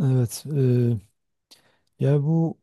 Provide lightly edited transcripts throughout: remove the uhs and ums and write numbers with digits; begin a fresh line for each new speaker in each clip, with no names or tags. Evet, yani bu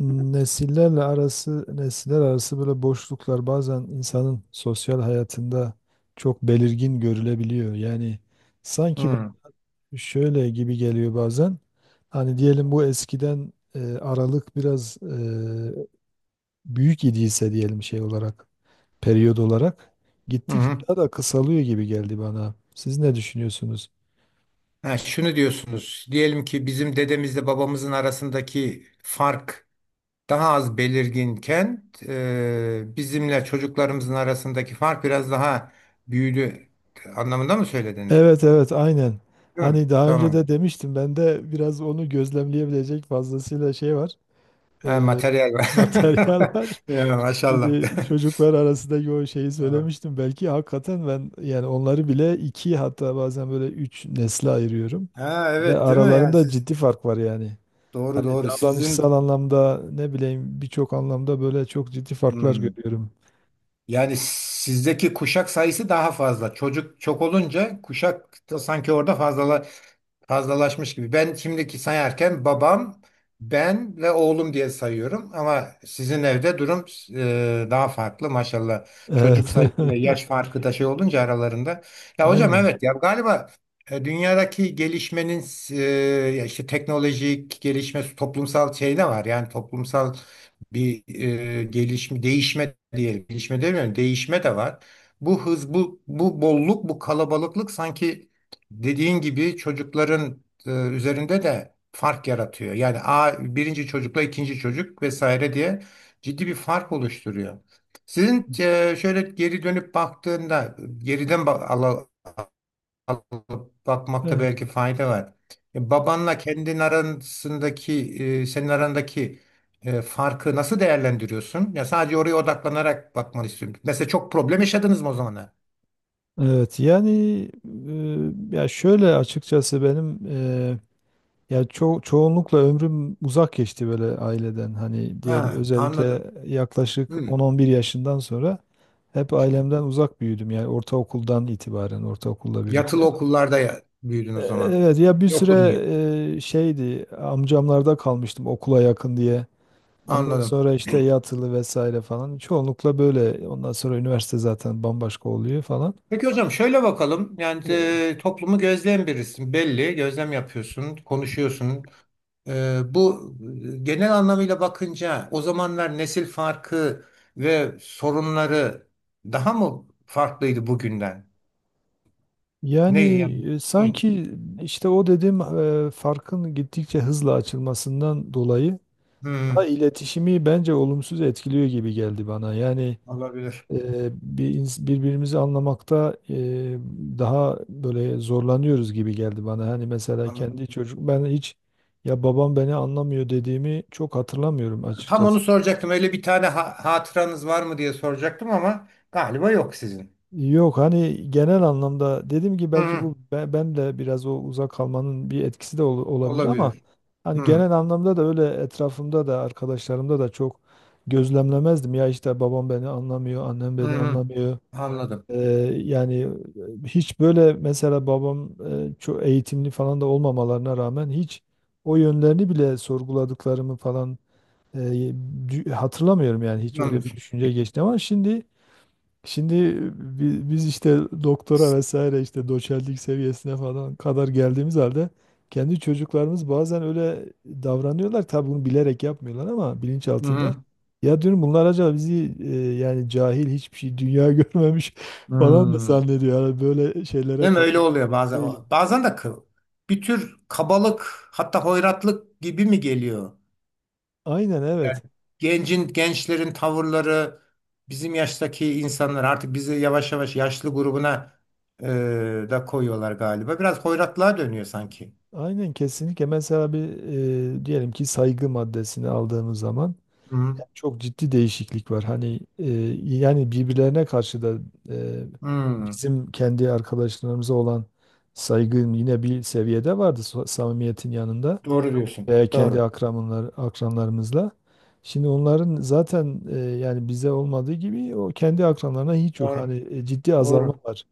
nesiller arası böyle boşluklar bazen insanın sosyal hayatında çok belirgin görülebiliyor. Yani
Hı
sanki
hı.
ba- şöyle gibi geliyor bazen. Hani diyelim bu eskiden aralık biraz büyük idiyse diyelim şey olarak, periyod olarak gittikçe
Hı.
daha da kısalıyor gibi geldi bana. Siz ne düşünüyorsunuz?
Ha, şunu diyorsunuz. Diyelim ki bizim dedemizle babamızın arasındaki fark daha az belirginken bizimle çocuklarımızın arasındaki fark biraz daha büyüdü anlamında mı söylediniz?
Evet evet aynen.
Değil mi?
Hani daha önce
Tamam.
de demiştim ben de biraz onu gözlemleyebilecek fazlasıyla şey var.
Ha,
E,
materyal var.
Materyal var.
Ya, maşallah.
Şimdi çocuklar arasındaki o şeyi
Tamam.
söylemiştim. Belki hakikaten ben yani onları bile iki hatta bazen böyle üç nesle ayırıyorum.
Ha,
Ve
evet değil mi? Yani
aralarında
siz
ciddi fark var yani.
doğru
Hani
doğru.
davranışsal
Sizin
anlamda ne bileyim birçok anlamda böyle çok ciddi farklar
hmm,
görüyorum.
yani sizdeki kuşak sayısı daha fazla. Çocuk çok olunca kuşak da sanki orada fazla fazlalaşmış gibi. Ben şimdiki sayarken babam, ben ve oğlum diye sayıyorum ama sizin evde durum daha farklı maşallah. Çocuk
Evet.
sayısı ve yaş farkı da şey olunca aralarında. Ya hocam
Aynen.
evet ya galiba dünyadaki gelişmenin e, ya işte teknolojik gelişme toplumsal şey de var. Yani toplumsal bir gelişme değişme diyelim. Gelişme demiyorum, değişme de var. Bu hız, bu bolluk, bu kalabalıklık sanki dediğin gibi çocukların üzerinde de fark yaratıyor. Yani birinci çocukla ikinci çocuk vesaire diye ciddi bir fark oluşturuyor. Sizin şöyle geri dönüp baktığında geriden alıp bakmakta belki fayda var. Babanla kendin arasındaki senin arandaki farkı nasıl değerlendiriyorsun? Ya sadece oraya odaklanarak bakmanı istiyorum. Mesela çok problem yaşadınız mı o zamana?
Evet yani ya şöyle açıkçası benim ya çoğunlukla ömrüm uzak geçti böyle aileden hani diyelim
Ha, anladım.
özellikle yaklaşık 10-11 yaşından sonra hep
Hmm.
ailemden uzak büyüdüm yani ortaokuldan itibaren ortaokulla
Yatılı
birlikte.
okullarda ya, büyüdün o zaman.
Evet ya bir
Ne okudun
süre
yani.
şeydi amcamlarda kalmıştım okula yakın diye. Ondan
Anladım.
sonra işte yatılı vesaire falan çoğunlukla böyle ondan sonra üniversite zaten bambaşka oluyor falan.
Peki hocam şöyle bakalım. Yani toplumu gözleyen birisin. Belli. Gözlem yapıyorsun. Konuşuyorsun. Bu genel anlamıyla bakınca o zamanlar nesil farkı ve sorunları daha mı farklıydı bugünden?
Yani
Ne yani? Hı,
sanki işte o dediğim farkın gittikçe hızla açılmasından dolayı da
hı,
iletişimi bence olumsuz etkiliyor gibi geldi bana. Yani
olabilir.
e, birbirimizi anlamakta daha böyle zorlanıyoruz gibi geldi bana. Hani mesela
Anladım.
kendi çocuk ben hiç ya babam beni anlamıyor dediğimi çok hatırlamıyorum
Tam onu
açıkçası.
soracaktım. Öyle bir tane hatıranız var mı diye soracaktım ama galiba yok sizin.
Yok hani genel anlamda dedim ki
Hı
belki
hı.
ben, de biraz o uzak kalmanın bir etkisi de olabilir ama
Olabilir.
hani
Hı.
genel anlamda da öyle etrafımda da arkadaşlarımda da çok gözlemlemezdim. Ya işte babam beni anlamıyor, annem
Hı
beni
hı.
anlamıyor.
Anladım.
Ee, yani hiç böyle mesela babam çok eğitimli falan da olmamalarına rağmen hiç o yönlerini bile sorguladıklarımı falan e, hatırlamıyorum yani hiç öyle bir
Anlamıyorsun.
düşünce geçti ama Şimdi biz işte doktora vesaire işte doçentlik seviyesine falan kadar geldiğimiz halde kendi çocuklarımız bazen öyle davranıyorlar. Tabii bunu bilerek yapmıyorlar ama bilinç
Hı
altında.
hı.
Ya diyorum bunlar acaba bizi yani cahil hiçbir şey dünya görmemiş falan mı
Hı.
zannediyor? Yani böyle şeylere
Değil mi? Öyle
kapılmış
oluyor bazen.
değilim.
Bazen de bir tür kabalık hatta hoyratlık gibi mi geliyor?
Aynen
Yani
evet.
gencin, gençlerin tavırları bizim yaştaki insanlar artık bizi yavaş yavaş yaşlı grubuna da koyuyorlar galiba. Biraz hoyratlığa dönüyor sanki.
Aynen kesinlikle. Mesela bir diyelim ki saygı maddesini aldığımız zaman
Hı.
yani çok ciddi değişiklik var. Hani yani birbirlerine karşı da e,
Hı.
bizim kendi arkadaşlarımıza olan saygın yine bir seviyede vardı samimiyetin yanında
Doğru diyorsun.
veya
Doğru.
akranlarımızla. Şimdi onların zaten yani bize olmadığı gibi o kendi akranlarına hiç yok.
Doğru.
Hani ciddi azalma
Doğru.
var.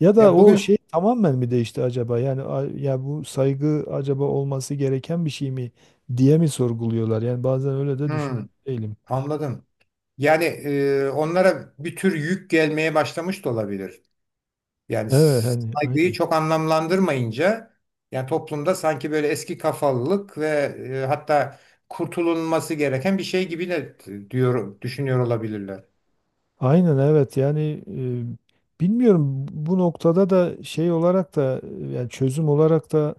Ya da
Ya
o şey
bugün
tamamen mi değişti acaba? Yani ya bu saygı acaba olması gereken bir şey mi diye mi sorguluyorlar? Yani bazen öyle de düşün
hı.
değilim.
Anladım. Yani onlara bir tür yük gelmeye başlamış da olabilir. Yani
Evet hani
saygıyı
aynen.
çok anlamlandırmayınca yani toplumda sanki böyle eski kafalılık ve hatta kurtulunması gereken bir şey gibi de diyor düşünüyor olabilirler.
Aynen evet yani bilmiyorum bu noktada da şey olarak da yani çözüm olarak da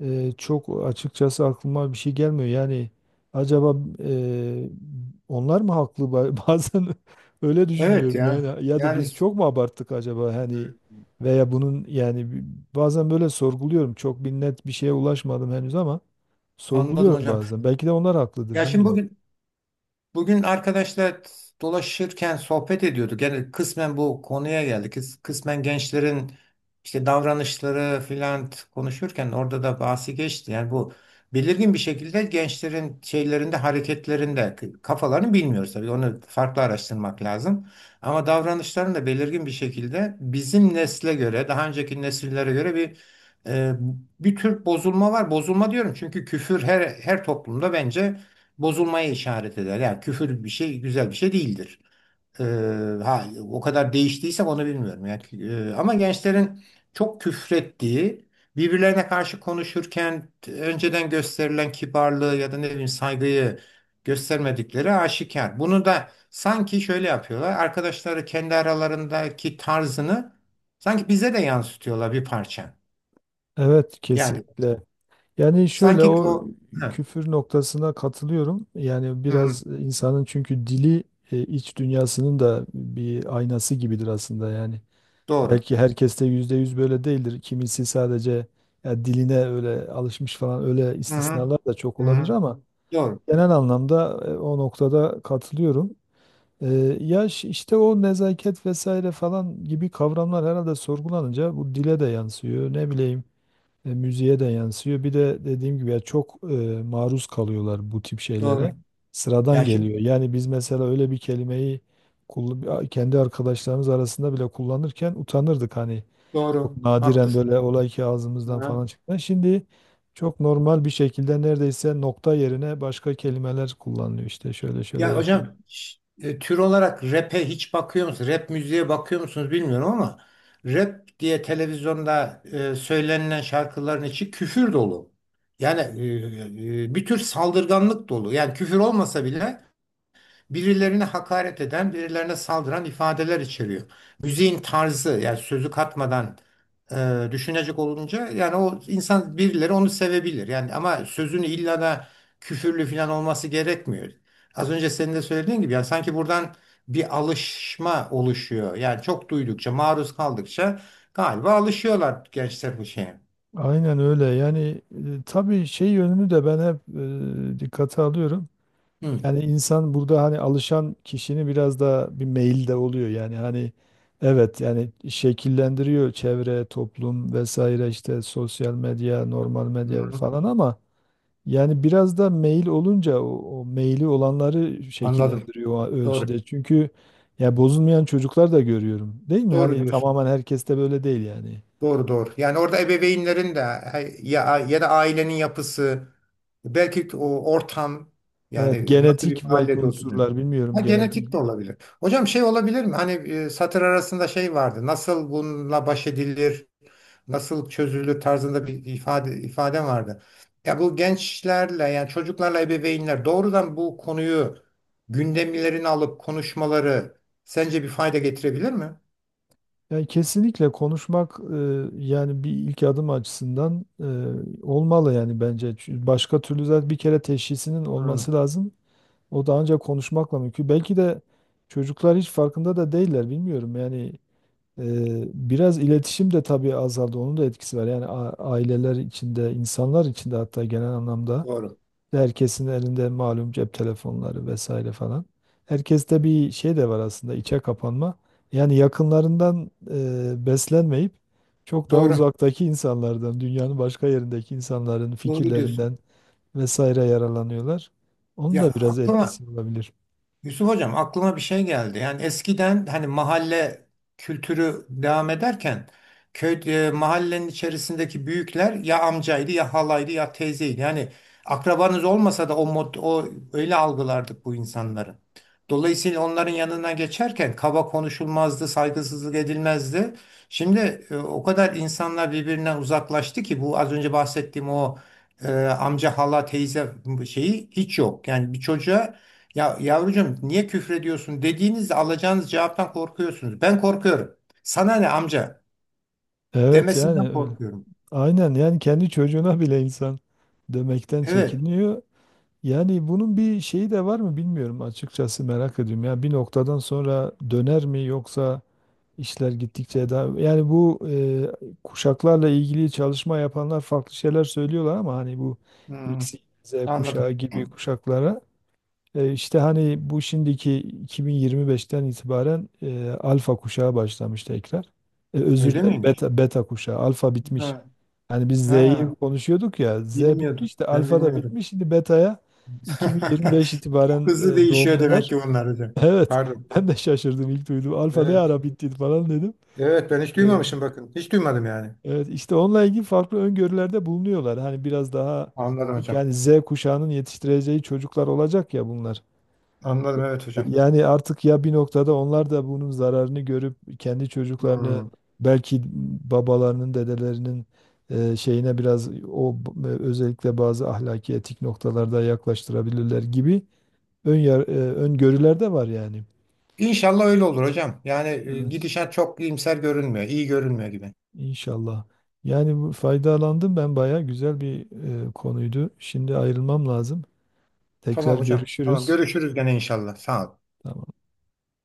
çok açıkçası aklıma bir şey gelmiyor. Yani acaba e, onlar mı haklı bazen öyle
Evet
düşünüyorum
ya.
yani ya da
Yani
biz çok mu abarttık acaba hani
e,
veya bunun yani bazen böyle sorguluyorum. Çok bir net bir şeye ulaşmadım henüz ama
anladım
sorguluyorum
hocam.
bazen. Belki de onlar haklıdır
Ya şimdi
bilmiyorum.
bugün arkadaşlar dolaşırken sohbet ediyorduk. Yani kısmen bu konuya geldik. Kısmen gençlerin işte davranışları filan konuşurken orada da bahsi geçti. Yani bu belirgin bir şekilde gençlerin şeylerinde, hareketlerinde kafalarını bilmiyoruz tabii. Onu farklı araştırmak lazım. Ama davranışların da belirgin bir şekilde bizim nesle göre, daha önceki nesillere göre e, bir tür bozulma var. Bozulma diyorum çünkü küfür her toplumda bence bozulmaya işaret eder. Yani küfür bir şey güzel bir şey değildir. Ee, ha o kadar değiştiyse onu bilmiyorum. Yani, ama gençlerin çok küfrettiği, birbirlerine karşı konuşurken önceden gösterilen kibarlığı ya da ne bileyim saygıyı göstermedikleri aşikar. Bunu da sanki şöyle yapıyorlar. Arkadaşları kendi aralarındaki tarzını sanki bize de yansıtıyorlar bir parça.
Evet
Yani
kesinlikle. Yani şöyle
sanki
o
o evet.
küfür noktasına katılıyorum. Yani
Hı, hı,
biraz insanın çünkü dili iç dünyasının da bir aynası gibidir aslında yani.
doğru.
Belki herkes de yüzde yüz böyle değildir. Kimisi sadece ya diline öyle alışmış falan öyle
Hı, hı,
istisnalar da çok olabilir
hı,
ama
doğru.
genel anlamda o noktada katılıyorum. E, Yaş işte o nezaket vesaire falan gibi kavramlar herhalde sorgulanınca bu dile de yansıyor. Ne bileyim müziğe de yansıyor. Bir de dediğim gibi ya çok maruz kalıyorlar bu tip
Doğru.
şeylere. Sıradan
Ya şimdi
geliyor. Yani biz mesela öyle bir kelimeyi kendi arkadaşlarımız arasında bile kullanırken utanırdık hani. Çok
doğru,
nadiren
haklısın.
böyle olay ki ağzımızdan
Ha.
falan çıktı. Şimdi çok normal bir şekilde neredeyse nokta yerine başka kelimeler kullanılıyor. İşte şöyle şöyle
Ya hocam
yapayım.
tür olarak rap'e hiç bakıyor musunuz? Rap müziğe bakıyor musunuz bilmiyorum ama rap diye televizyonda söylenilen şarkıların içi küfür dolu. Yani bir tür saldırganlık dolu. Yani küfür olmasa bile birilerine hakaret eden, birilerine saldıran ifadeler içeriyor. Müziğin tarzı yani sözü katmadan düşünecek olunca yani o insan birileri onu sevebilir. Yani ama sözünü illa da küfürlü falan olması gerekmiyor. Az önce senin de söylediğin gibi yani sanki buradan bir alışma oluşuyor. Yani çok duydukça, maruz kaldıkça galiba alışıyorlar gençler bu şeye.
Aynen öyle. Yani tabii şey yönünü de ben hep dikkate alıyorum.
Hı,
Yani insan burada hani alışan kişinin biraz da bir meyil de oluyor. Yani hani evet yani şekillendiriyor çevre, toplum vesaire işte sosyal medya, normal medya
hı.
falan ama yani biraz da meyil olunca o meyili olanları
Anladım.
şekillendiriyor o
Doğru.
ölçüde. Çünkü ya bozulmayan çocuklar da görüyorum. Değil mi?
Doğru
Hani
diyorsun.
tamamen herkes de böyle değil yani.
Doğru doğru. Yani orada ebeveynlerin de ya da ailenin yapısı belki o ortam
Evet
yani nasıl bir
genetik belki
mahallede oturuyorsun.
unsurlar bilmiyorum
Ha
genetik.
genetik de olabilir. Hocam şey olabilir mi? Hani satır arasında şey vardı. Nasıl bununla baş edilir? Nasıl çözülür tarzında bir ifade vardı. Ya bu gençlerle yani çocuklarla ebeveynler doğrudan bu konuyu gündemlerini alıp konuşmaları sence bir fayda getirebilir mi?
Yani kesinlikle konuşmak yani bir ilk adım açısından olmalı yani bence. Çünkü başka türlü zaten bir kere teşhisinin
Hı,
olması lazım. O da ancak konuşmakla mümkün. Belki de çocuklar hiç farkında da değiller bilmiyorum. Yani e, biraz iletişim de tabii azaldı. Onun da etkisi var. Yani aileler içinde, insanlar içinde hatta genel anlamda.
doğru.
Herkesin elinde malum cep telefonları vesaire falan. Herkeste bir şey de var aslında içe kapanma. Yani yakınlarından beslenmeyip çok daha
Doğru.
uzaktaki insanlardan, dünyanın başka yerindeki insanların
Doğru diyorsun.
fikirlerinden vesaire yararlanıyorlar. Onun
Ya
da biraz etkisi olabilir.
Yusuf Hocam aklıma bir şey geldi. Yani eskiden hani mahalle kültürü devam ederken mahallenin içerisindeki büyükler ya amcaydı ya halaydı ya teyzeydi. Yani akrabanız olmasa da o öyle algılardık bu insanları. Dolayısıyla onların yanına geçerken kaba konuşulmazdı, saygısızlık edilmezdi. Şimdi o kadar insanlar birbirinden uzaklaştı ki bu az önce bahsettiğim o amca, hala, teyze şeyi hiç yok. Yani bir çocuğa ya yavrucuğum niye küfrediyorsun dediğinizde alacağınız cevaptan korkuyorsunuz. Ben korkuyorum. Sana ne amca
Evet
demesinden
yani öyle.
korkuyorum.
Aynen yani kendi çocuğuna bile insan demekten
Evet.
çekiniyor. Yani bunun bir şeyi de var mı bilmiyorum açıkçası merak ediyorum. Ya bir noktadan sonra döner mi yoksa İşler gittikçe daha yani bu kuşaklarla ilgili çalışma yapanlar farklı şeyler söylüyorlar ama hani bu
Hmm,
X, Y, Z kuşağı
Anladım.
gibi kuşaklara işte hani bu şimdiki 2025'ten itibaren alfa kuşağı başlamış tekrar. Özür
Öyle
dilerim
miymiş?
beta kuşağı alfa
Ha,
bitmiş. Yani biz Z'yi
ha,
konuşuyorduk ya Z
bilmiyordum.
bitmiş de
Ben
alfa da
bilmiyordum.
bitmiş şimdi betaya 2025 itibaren
Hızlı değişiyor demek
doğumlular.
ki bunlar hocam.
Evet
Pardon.
ben de şaşırdım ilk duydum alfa ne
Evet.
ara bitti falan dedim.
Evet ben hiç
Ee,
duymamışım bakın. Hiç duymadım yani.
Evet işte onunla ilgili farklı öngörülerde bulunuyorlar. Hani biraz daha
Anladım
çünkü
hocam.
yani Z kuşağının yetiştireceği çocuklar olacak ya bunlar.
Anladım evet hocam.
Yani artık ya bir noktada onlar da bunun zararını görüp kendi çocuklarını
Hmm.
belki babalarının, dedelerinin şeyine biraz özellikle bazı ahlaki etik noktalarda yaklaştırabilirler gibi öngörüler de var yani.
İnşallah öyle olur hocam. Yani
Evet.
gidişat çok iyimser görünmüyor. İyi görünmüyor gibi.
İnşallah. Yani bu faydalandım ben bayağı güzel bir konuydu. Şimdi ayrılmam lazım. Tekrar
Tamam hocam. Tamam
görüşürüz.
görüşürüz gene inşallah. Sağ ol.
Tamam.